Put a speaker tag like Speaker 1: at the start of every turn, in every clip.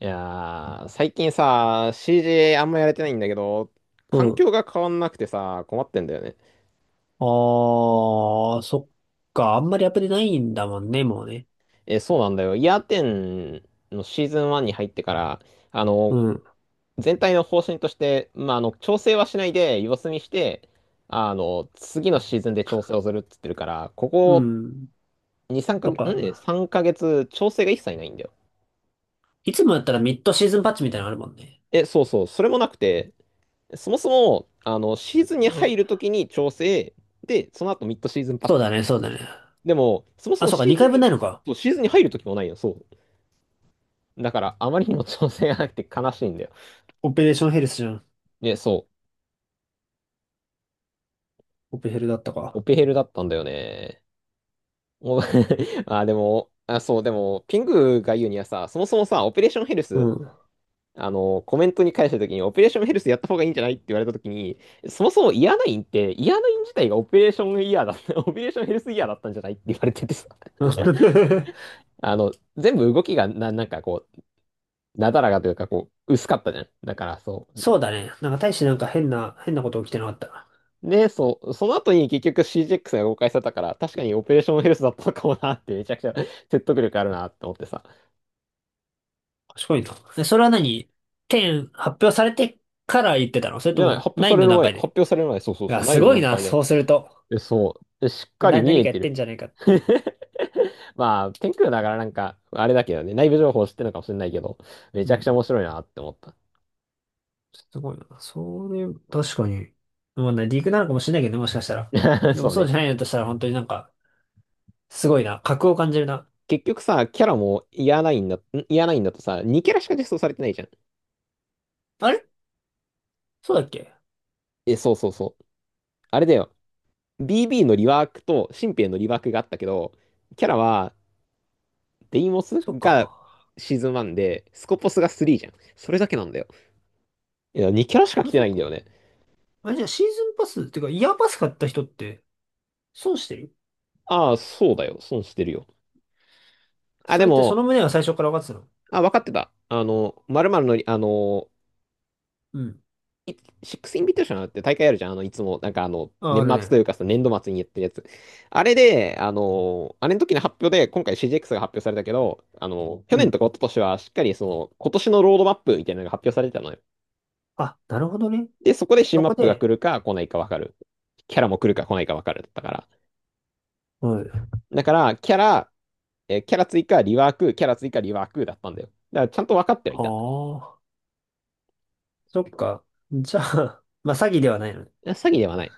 Speaker 1: 最近さ、CJ あんまやれてないんだけど、
Speaker 2: う
Speaker 1: 環
Speaker 2: ん。
Speaker 1: 境が変わんなくてさ、困ってんだよね。
Speaker 2: ああ、そっか。あんまりアプデないんだもんね、もうね。
Speaker 1: え、そうなんだよ。イヤーテンのシーズン1に入ってから、あ
Speaker 2: う
Speaker 1: の、
Speaker 2: ん。
Speaker 1: 全体の方針として、調整はしないで様子見して、次のシーズンで調整をするっつってるから、こ
Speaker 2: う
Speaker 1: こ
Speaker 2: ん。
Speaker 1: 2、3か
Speaker 2: そっ
Speaker 1: げつ、
Speaker 2: か。
Speaker 1: 3 ヶ月調整が一切ないんだよ。
Speaker 2: いつもやったらミッドシーズンパッチみたいなのあるもんね。
Speaker 1: え、そうそう、それもなくて、そもそも、シーズン
Speaker 2: う
Speaker 1: に
Speaker 2: ん。
Speaker 1: 入るときに調整、で、その後ミッドシーズンパッ
Speaker 2: そうだ
Speaker 1: チ。
Speaker 2: ね、そうだね。
Speaker 1: でも、そもそ
Speaker 2: あ、
Speaker 1: も
Speaker 2: そうか、
Speaker 1: シーズ
Speaker 2: 2
Speaker 1: ン
Speaker 2: 回分
Speaker 1: に、
Speaker 2: ないのか。
Speaker 1: そう、シーズンに入る時もないよ、そう。だから、あまりにも調整がなくて悲しいんだよ。
Speaker 2: オペレーションヘルスじゃん。
Speaker 1: で、そ
Speaker 2: オペヘルだった
Speaker 1: う、オ
Speaker 2: か。
Speaker 1: ペヘルだったんだよね。お あ、でも、あ、そう、でも、ピングが言うにはさ、そもそもさ、オペレーションヘル
Speaker 2: う
Speaker 1: ス、
Speaker 2: ん。
Speaker 1: コメントに返した時に、オペレーションヘルスやった方がいいんじゃないって言われた時に、そもそもイヤナインって、イヤナイン自体がオペレーションイヤーだった、オペレーションヘルスイヤーだったんじゃないって言われててさ、あの、全部動きがなだらかというか、こう、薄かったじゃん。だから、そう。
Speaker 2: そうだね。なんか大してなんか変なこと起きてなかった。
Speaker 1: で、そう、その後に結局 CGX が公開されたから、確かにオペレーションヘルスだったのかもなって、めちゃくちゃ 説得力あるなって思ってさ。
Speaker 2: 賢いな。で、それは何？ 10 発表されてから言ってたの？それ
Speaker 1: じ
Speaker 2: と
Speaker 1: ゃない、
Speaker 2: も9の段階
Speaker 1: 発
Speaker 2: で？
Speaker 1: 表される前、そうそう
Speaker 2: い
Speaker 1: そ
Speaker 2: や、
Speaker 1: う、
Speaker 2: す
Speaker 1: 9の
Speaker 2: ごい
Speaker 1: 段
Speaker 2: な、
Speaker 1: 階で。
Speaker 2: そうすると。
Speaker 1: で、そう、でしっかり
Speaker 2: な、
Speaker 1: 見
Speaker 2: 何
Speaker 1: え
Speaker 2: かや
Speaker 1: て
Speaker 2: って
Speaker 1: る。
Speaker 2: んじゃないかって。
Speaker 1: まあ、天空だからなんか、あれだけどね、内部情報知ってるのかもしれないけど、め
Speaker 2: う
Speaker 1: ちゃくちゃ
Speaker 2: ん。
Speaker 1: 面白いなって思っ
Speaker 2: すごいな。それ、確かに。まあね、リークなのかもしれないけどね、もしかしたら。
Speaker 1: た。
Speaker 2: で
Speaker 1: そ
Speaker 2: も
Speaker 1: う
Speaker 2: そう
Speaker 1: ね。
Speaker 2: じゃないのとしたら、本当になんか、すごいな。格を感じるな。
Speaker 1: 結局さ、キャラもイヤーナインだ、んイヤーナインだとさ、2キャラしか実装されてないじゃん。
Speaker 2: あれ、そうだっけ？
Speaker 1: え、そうそうそう。あれだよ。BB のリワークと新兵のリワークがあったけど、キャラはデイモス
Speaker 2: そっ
Speaker 1: が
Speaker 2: か。
Speaker 1: シーズン1で、スコポスが3じゃん。それだけなんだよ。いや、2キャラしか来
Speaker 2: あ、
Speaker 1: て
Speaker 2: そ
Speaker 1: な
Speaker 2: っ
Speaker 1: いんだ
Speaker 2: か。
Speaker 1: よね。
Speaker 2: あれ、じゃあ、シーズンパス、っていうか、イヤーパス買った人って、損してる？
Speaker 1: ああ、そうだよ。損してるよ。あ、
Speaker 2: そ
Speaker 1: で
Speaker 2: れってそ
Speaker 1: も、
Speaker 2: の旨は最初から分かってたの？
Speaker 1: あ、分かってた。まるまるの
Speaker 2: うん。
Speaker 1: いシックスインビテーションって大会あるじゃん。いつも、
Speaker 2: あ、あ
Speaker 1: 年
Speaker 2: る
Speaker 1: 末
Speaker 2: ね。
Speaker 1: というかさ、年度末にやってるやつ。あれで、あれの時の発表で、今回 CGX が発表されたけど、去
Speaker 2: う
Speaker 1: 年と
Speaker 2: ん。
Speaker 1: か一昨年はしっかりその、今年のロードマップみたいなのが発表されてたのよ。
Speaker 2: あ、なるほどね。
Speaker 1: で、そこで
Speaker 2: で、
Speaker 1: 新
Speaker 2: そ
Speaker 1: マッ
Speaker 2: こ
Speaker 1: プが来
Speaker 2: で、
Speaker 1: るか来ないか分かる。キャラも来るか来ないか分かるだったから。
Speaker 2: はい。あ
Speaker 1: だから、キャラ、えーキャラ追加、リワーク、キャラ追加、リワークだったんだよ。だから、ちゃんと分かってはいた。
Speaker 2: あ、そっか。じゃあ、まあ、詐欺ではないのね。
Speaker 1: 詐欺ではない。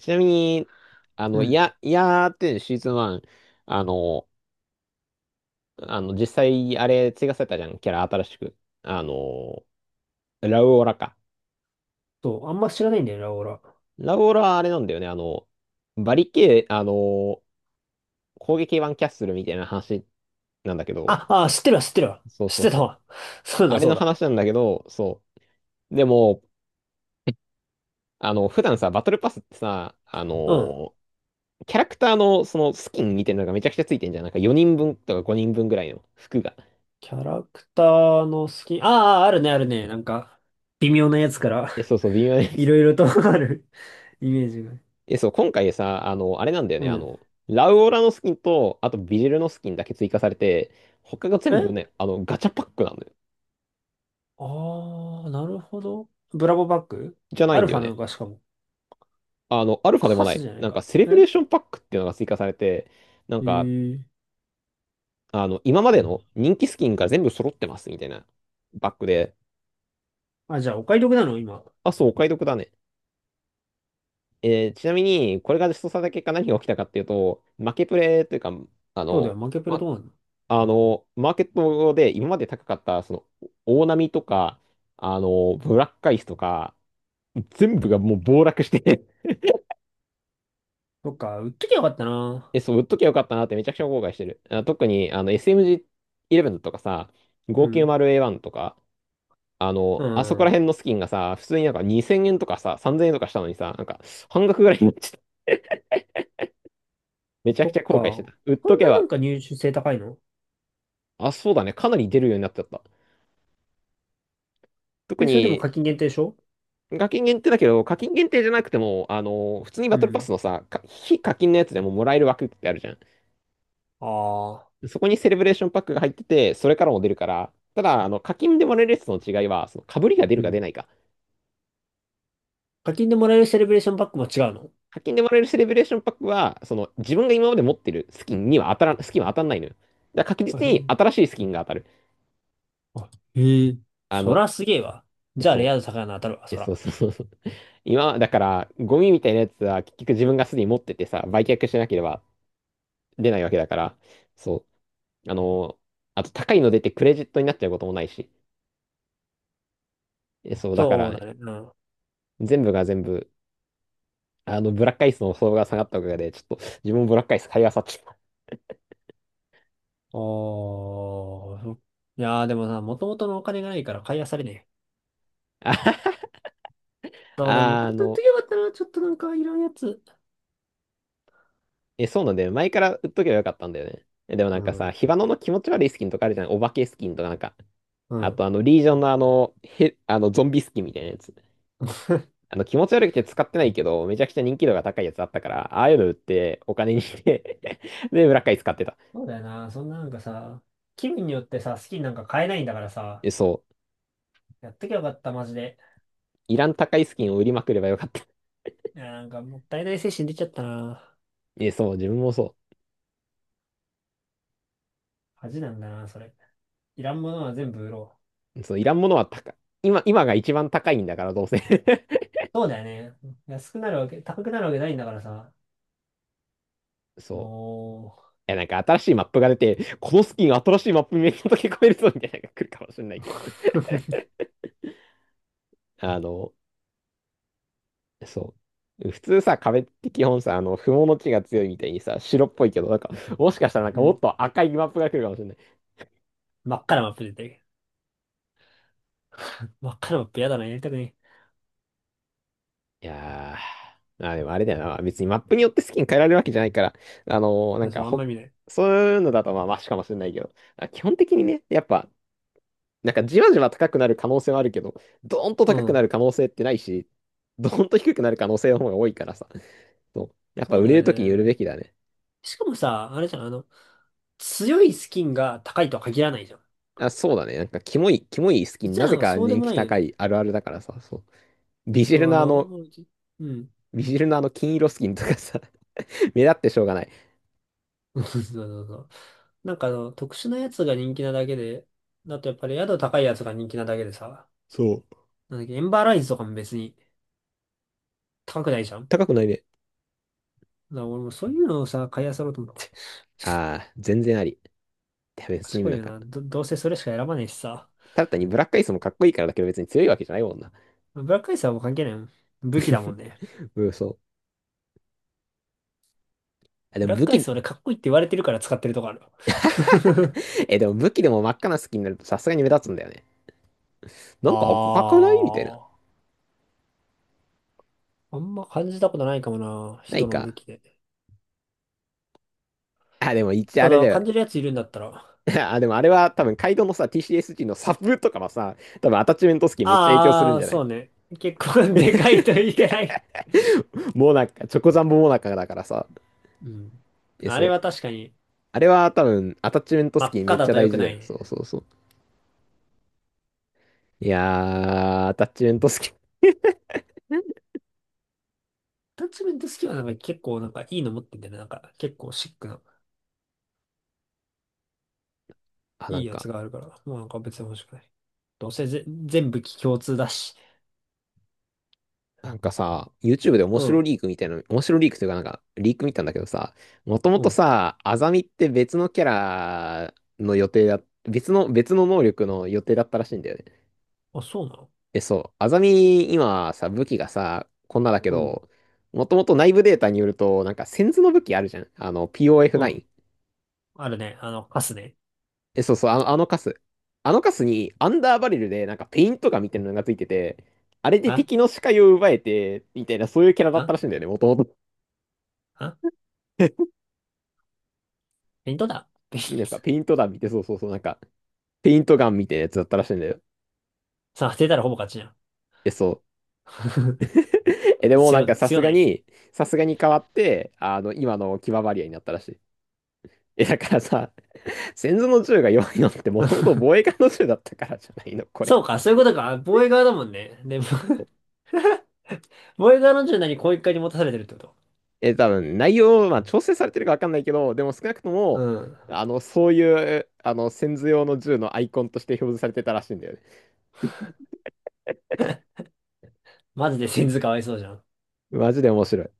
Speaker 1: ちなみに、
Speaker 2: うん。
Speaker 1: いやーってシーズン1、あの、実際、あれ、追加されたじゃん、キャラ新しく。あの、ラウオラか。
Speaker 2: そう、あんま知らないんだよな、俺は。
Speaker 1: ラウオラはあれなんだよね、あの、バリケー、あの、攻撃版キャッスルみたいな話なんだけど、
Speaker 2: あ、あ、知ってるわ、知ってるわ。
Speaker 1: そう
Speaker 2: 知っ
Speaker 1: そう
Speaker 2: て
Speaker 1: そ
Speaker 2: た
Speaker 1: う。
Speaker 2: わ。そうだ、
Speaker 1: あれ
Speaker 2: そう
Speaker 1: の
Speaker 2: だ。
Speaker 1: 話なんだけど、そう。でも、普段さ、バトルパスってさ、
Speaker 2: うん。
Speaker 1: ーキャラクターのそのスキンみたいなのがめちゃくちゃついてんじゃん。なんか4人分とか5人分ぐらいの服が。
Speaker 2: キャラクターの好き。ああ、あるね、あるね。なんか、微妙なやつから
Speaker 1: え、そうそう、微妙なや
Speaker 2: い
Speaker 1: つ。
Speaker 2: ろいろと あるイメージが。
Speaker 1: え、そう、今回さ、あれなんだよ
Speaker 2: う
Speaker 1: ね。
Speaker 2: ん。
Speaker 1: ラウオラのスキンと、あとビジルのスキンだけ追加されて、他が全部
Speaker 2: え
Speaker 1: ね、ガチャパックなんだよ。
Speaker 2: ああー、なるほど。ブラボーバッグ？
Speaker 1: じゃな
Speaker 2: ア
Speaker 1: いん
Speaker 2: ル
Speaker 1: だ
Speaker 2: フ
Speaker 1: よ
Speaker 2: ァな
Speaker 1: ね。
Speaker 2: のか、しかも。
Speaker 1: アルファでも
Speaker 2: カ
Speaker 1: な
Speaker 2: ス
Speaker 1: い。
Speaker 2: じゃない
Speaker 1: なんか、
Speaker 2: か。
Speaker 1: セレブレ
Speaker 2: え
Speaker 1: ーションパックっていうのが追加されて、なん
Speaker 2: え
Speaker 1: か、
Speaker 2: ー。
Speaker 1: 今までの人気スキンが全部揃ってますみたいなバッグで、
Speaker 2: あ、じゃあ、お買い得なの今？
Speaker 1: あ、そう、お買い得だね。えーちなみに、これが実装された結果何が起きたかっていうと、負けプレイというか、あ
Speaker 2: そうだよ、
Speaker 1: の、
Speaker 2: 負けプレ
Speaker 1: ま、
Speaker 2: どうなの？
Speaker 1: あの、マーケットで今まで高かった、その、大波とか、ブラックアイスとか、全部がもう暴落して
Speaker 2: そっか、売っときゃよかった な。
Speaker 1: え、そう、売っときゃよかったなってめちゃくちゃ後悔してる。特に、SMG11 とかさ、
Speaker 2: うん。
Speaker 1: 590A1 とか、
Speaker 2: う
Speaker 1: あそこら
Speaker 2: ん。
Speaker 1: 辺のスキンがさ、普通になんか2000円とかさ、3000円とかしたのにさ、なんか半額ぐらいになっちゃった。めちゃくち
Speaker 2: そ
Speaker 1: ゃ
Speaker 2: っ
Speaker 1: 後
Speaker 2: か。
Speaker 1: 悔してた。売っ
Speaker 2: そ
Speaker 1: と
Speaker 2: ん
Speaker 1: け
Speaker 2: なな
Speaker 1: ば、
Speaker 2: んか入手性高いの？
Speaker 1: あ、そうだね。かなり出るようになっちゃった。特
Speaker 2: え、それでも
Speaker 1: に、
Speaker 2: 課金限定でしょ？
Speaker 1: 課金限定だけど、課金限定じゃなくても、普通に
Speaker 2: う
Speaker 1: バトルパス
Speaker 2: ん。
Speaker 1: のさ、か非課金のやつでももらえる枠ってあるじゃん。
Speaker 2: ああ。
Speaker 1: そこにセレブレーションパックが入ってて、それからも出るから、ただ、課金でもらえるやつとの違いは、その、被りが出る
Speaker 2: う
Speaker 1: か出
Speaker 2: ん。
Speaker 1: ないか。
Speaker 2: 課金でもらえるセレブレーションパックも違うの？
Speaker 1: 課金でもらえるセレブレーションパックは、その、自分が今まで持ってるスキンには当たらん、スキンは当たんないのよ。だから確
Speaker 2: あ
Speaker 1: 実
Speaker 2: へ
Speaker 1: に
Speaker 2: え
Speaker 1: 新しいスキンが当たる。
Speaker 2: あ、へえ。
Speaker 1: あ
Speaker 2: そ
Speaker 1: の、
Speaker 2: らすげえわ。
Speaker 1: え、
Speaker 2: じゃあ、
Speaker 1: そ
Speaker 2: レ
Speaker 1: う、
Speaker 2: ア度高いの当たるわ、
Speaker 1: え、
Speaker 2: そ
Speaker 1: そう
Speaker 2: ら。
Speaker 1: そうそうそう。今、だから、ゴミみたいなやつは結局自分がすでに持っててさ、売却しなければ出ないわけだから、そう。あと高いの出てクレジットになっちゃうこともないし、えそう、だか
Speaker 2: そ
Speaker 1: ら
Speaker 2: うだ
Speaker 1: ね、
Speaker 2: ね。うん。
Speaker 1: 全部が全部、ブラックアイスの相場が下がったおかげで、ちょっと自分もブラックアイス買い漁っちゃった。
Speaker 2: おあ、いやー、でもさ、もともとのお金がないから買い漁れねえ。そうだよ、もと
Speaker 1: あ、
Speaker 2: もと言っと
Speaker 1: の、
Speaker 2: きゃよかったな。ちょっとなんかいらんやつ。
Speaker 1: え、そうなんだよね、前から売っとけばよかったんだよね。えでもな
Speaker 2: う
Speaker 1: んかさ、
Speaker 2: ん。
Speaker 1: ヒバノの気持ち悪いスキンとかあるじゃん。お化けスキンとかなんか。
Speaker 2: う
Speaker 1: あ
Speaker 2: ん。
Speaker 1: とあの、リージョンのあの、へ、あの、ゾンビスキンみたいなやつ。気持ち悪くて使ってないけど、めちゃくちゃ人気度が高いやつあったから、ああいうの売ってお金にして で、ブラックアイス買ってた。
Speaker 2: そうだよな。そんななんかさ、気分によってさ、好きになんか買えないんだからさ、
Speaker 1: え、そう。
Speaker 2: やっときゃよかった、マジで。
Speaker 1: いらん高いスキンを売りまくればよかった。
Speaker 2: いや、なんかもったいない精神出ちゃったな。
Speaker 1: え、そう、自分もそ
Speaker 2: 恥なんだな、それ。いらんものは全部売ろう。
Speaker 1: う。そう、いらんものは高い。今が一番高いんだから、どうせ。
Speaker 2: そうだよね。安くなるわけ、高くなるわけないんだからさ。
Speaker 1: そ
Speaker 2: も
Speaker 1: う。いや、なんか新しいマップが出て、このスキン新しいマップめっちゃ溶け込めるぞみたいなのが来るかもしれないけど。
Speaker 2: う、
Speaker 1: あの、そう。普通さ、壁って基本さ、不毛の地が強いみたいにさ、白っぽいけど、なんか、もしかしたらなん
Speaker 2: う
Speaker 1: かもっ
Speaker 2: ん。
Speaker 1: と赤いマップが来るかもしれない。
Speaker 2: 真っ赤なマップ出てる。真っ赤なマップやだな、やりたくね
Speaker 1: いやー、まあ、でもあれだよな。別にマップによってスキン変えられるわけじゃないから、あのーなん
Speaker 2: え。そ
Speaker 1: か
Speaker 2: う、あん
Speaker 1: ほ、
Speaker 2: ま見ない。
Speaker 1: そういうのだとまあマシかもしれないけど、あ基本的にね、やっぱ、なんかじわじわ高くなる可能性はあるけど、ドーンと
Speaker 2: う
Speaker 1: 高くな
Speaker 2: ん。
Speaker 1: る可能性ってないし、ドーンと低くなる可能性の方が多いからさ。そう。やっぱ
Speaker 2: そう
Speaker 1: 売
Speaker 2: だ
Speaker 1: れ
Speaker 2: よ
Speaker 1: るときに売る
Speaker 2: ね。
Speaker 1: べきだね。
Speaker 2: しかもさ、あれじゃん、あの、強いスキンが高いとは限らないじゃん。
Speaker 1: あ、そうだね。なんか、キモいスキン、
Speaker 2: 実
Speaker 1: な
Speaker 2: はな
Speaker 1: ぜ
Speaker 2: んか
Speaker 1: か
Speaker 2: そうで
Speaker 1: 人
Speaker 2: も
Speaker 1: 気
Speaker 2: ないよ
Speaker 1: 高
Speaker 2: ね。
Speaker 1: いあるあるだからさ、そう。ビジ
Speaker 2: そう、
Speaker 1: ル
Speaker 2: あ
Speaker 1: のあ
Speaker 2: の、
Speaker 1: の、
Speaker 2: もうじうん。
Speaker 1: ビジルのあの金色スキンとかさ、目立ってしょうがない。
Speaker 2: そうそうそう。なんかあの、特殊なやつが人気なだけで、だとやっぱり宿高いやつが人気なだけでさ、
Speaker 1: そう。
Speaker 2: なんだっけ、エンバーライズとかも別に高くないじゃん。
Speaker 1: 高
Speaker 2: だ
Speaker 1: くないね。
Speaker 2: から俺もそういうのをさ、買い漁ろうと思って。
Speaker 1: ああ、全然あり。や別に
Speaker 2: 賢
Speaker 1: な
Speaker 2: い
Speaker 1: ん
Speaker 2: よ
Speaker 1: か、
Speaker 2: な。どうせそれしか選ばねえしさ。
Speaker 1: ただ単にブラックアイスもかっこいいからだけど別に強いわけじゃないもんな。
Speaker 2: ブラックアイスはもう関係ないもん。武器だもんね。
Speaker 1: うん、そう。あで
Speaker 2: ブ
Speaker 1: も
Speaker 2: ラッ
Speaker 1: 武
Speaker 2: クアイ
Speaker 1: 器、
Speaker 2: ス俺かっこいいって言われてるから使ってるとこある。
Speaker 1: え、でも武器でも真っ赤なスキンになるとさすがに目立つんだよね。なんか赤くないみたいな。
Speaker 2: ああ、あんま感じたことないかもな。
Speaker 1: ない
Speaker 2: 人の武
Speaker 1: か。
Speaker 2: 器で。
Speaker 1: あ、でも一応あ
Speaker 2: た
Speaker 1: れ
Speaker 2: だ、
Speaker 1: だよ。
Speaker 2: 感じるやついるんだったら。
Speaker 1: あ、でもあれは多分カイドウのさ、TCSG のサブとかはさ、多分アタッチメントスキンめっちゃ影響する
Speaker 2: あ
Speaker 1: ん
Speaker 2: あ、
Speaker 1: じゃない？
Speaker 2: そうね。結構 でかいといけない。
Speaker 1: もうなんか、チョコザンボモナカだからさ。
Speaker 2: うん。
Speaker 1: え、
Speaker 2: あ
Speaker 1: そ
Speaker 2: れ
Speaker 1: う。
Speaker 2: は確かに、
Speaker 1: あれは多分アタッチメント
Speaker 2: 真
Speaker 1: ス
Speaker 2: っ
Speaker 1: キンめ
Speaker 2: 赤
Speaker 1: っ
Speaker 2: だ
Speaker 1: ちゃ
Speaker 2: と
Speaker 1: 大
Speaker 2: 良く
Speaker 1: 事
Speaker 2: な
Speaker 1: だよ。
Speaker 2: い
Speaker 1: そ
Speaker 2: ね。
Speaker 1: うそうそう。いやー、アタッチメントスキン。
Speaker 2: タッチメントスキルはなんか結構なんかいいの持ってんだよね。なんか結構シックな、
Speaker 1: あ、な
Speaker 2: いい
Speaker 1: ん
Speaker 2: や
Speaker 1: か、
Speaker 2: つがあるから。もうなんか別に欲しくない。どうせぜ全部機共通だし。
Speaker 1: なんかさ、YouTube で面
Speaker 2: う
Speaker 1: 白
Speaker 2: ん、
Speaker 1: リークみたいな、面白リークというかなんか、リーク見たんだけどさ、もとも
Speaker 2: う
Speaker 1: と
Speaker 2: ん。
Speaker 1: さ、アザミって別の、別の能力の予定だったらしいんだよね。
Speaker 2: あ、そうなの？
Speaker 1: え、そう、アザミ、今さ、武器がさ、こんなだけ
Speaker 2: うん。
Speaker 1: ど、もともと内部データによると、なんか、センズの武器あるじゃん。あの、
Speaker 2: うん。
Speaker 1: POF9。
Speaker 2: あるね。あの、カスね。
Speaker 1: え、そうそう、あのカス。あのカスに、アンダーバレルで、なんか、ペイントガンみたいなのがついてて、あれで
Speaker 2: あ
Speaker 1: 敵の視界を奪えて、みたいな、そういうキャラだっ
Speaker 2: あ
Speaker 1: たらしいんだよね、もともと。
Speaker 2: あ、ペイントだ。ペイン
Speaker 1: なんか
Speaker 2: ト。
Speaker 1: ペイント弾見て、そうそうそう、なんか、ペイントガンみたいなやつだったらしいんだよ。
Speaker 2: さあ、当てたらほぼ勝ちじゃん。
Speaker 1: え、そう。え、でもなん
Speaker 2: 強、
Speaker 1: かさす
Speaker 2: 強
Speaker 1: が
Speaker 2: ない？
Speaker 1: に、さすがに変わって、あの、今のキババリアになったらしい。え、だからさ、先祖の銃が弱いのってもともと防衛艦の銃だったからじゃないの、これ。
Speaker 2: そうか、そういうことか。防衛側だもんね。で、防衛側の柔軟にこう一回に持たされてるってこと。
Speaker 1: え、多分内容、まあ調整されてるかわかんないけど、でも少なくと
Speaker 2: う
Speaker 1: も、
Speaker 2: ん。
Speaker 1: あの、そういう、あの、先祖用の銃のアイコンとして表示されてたらしいんだよね。
Speaker 2: マジで先頭かわいそうじゃん。
Speaker 1: マジで面白い。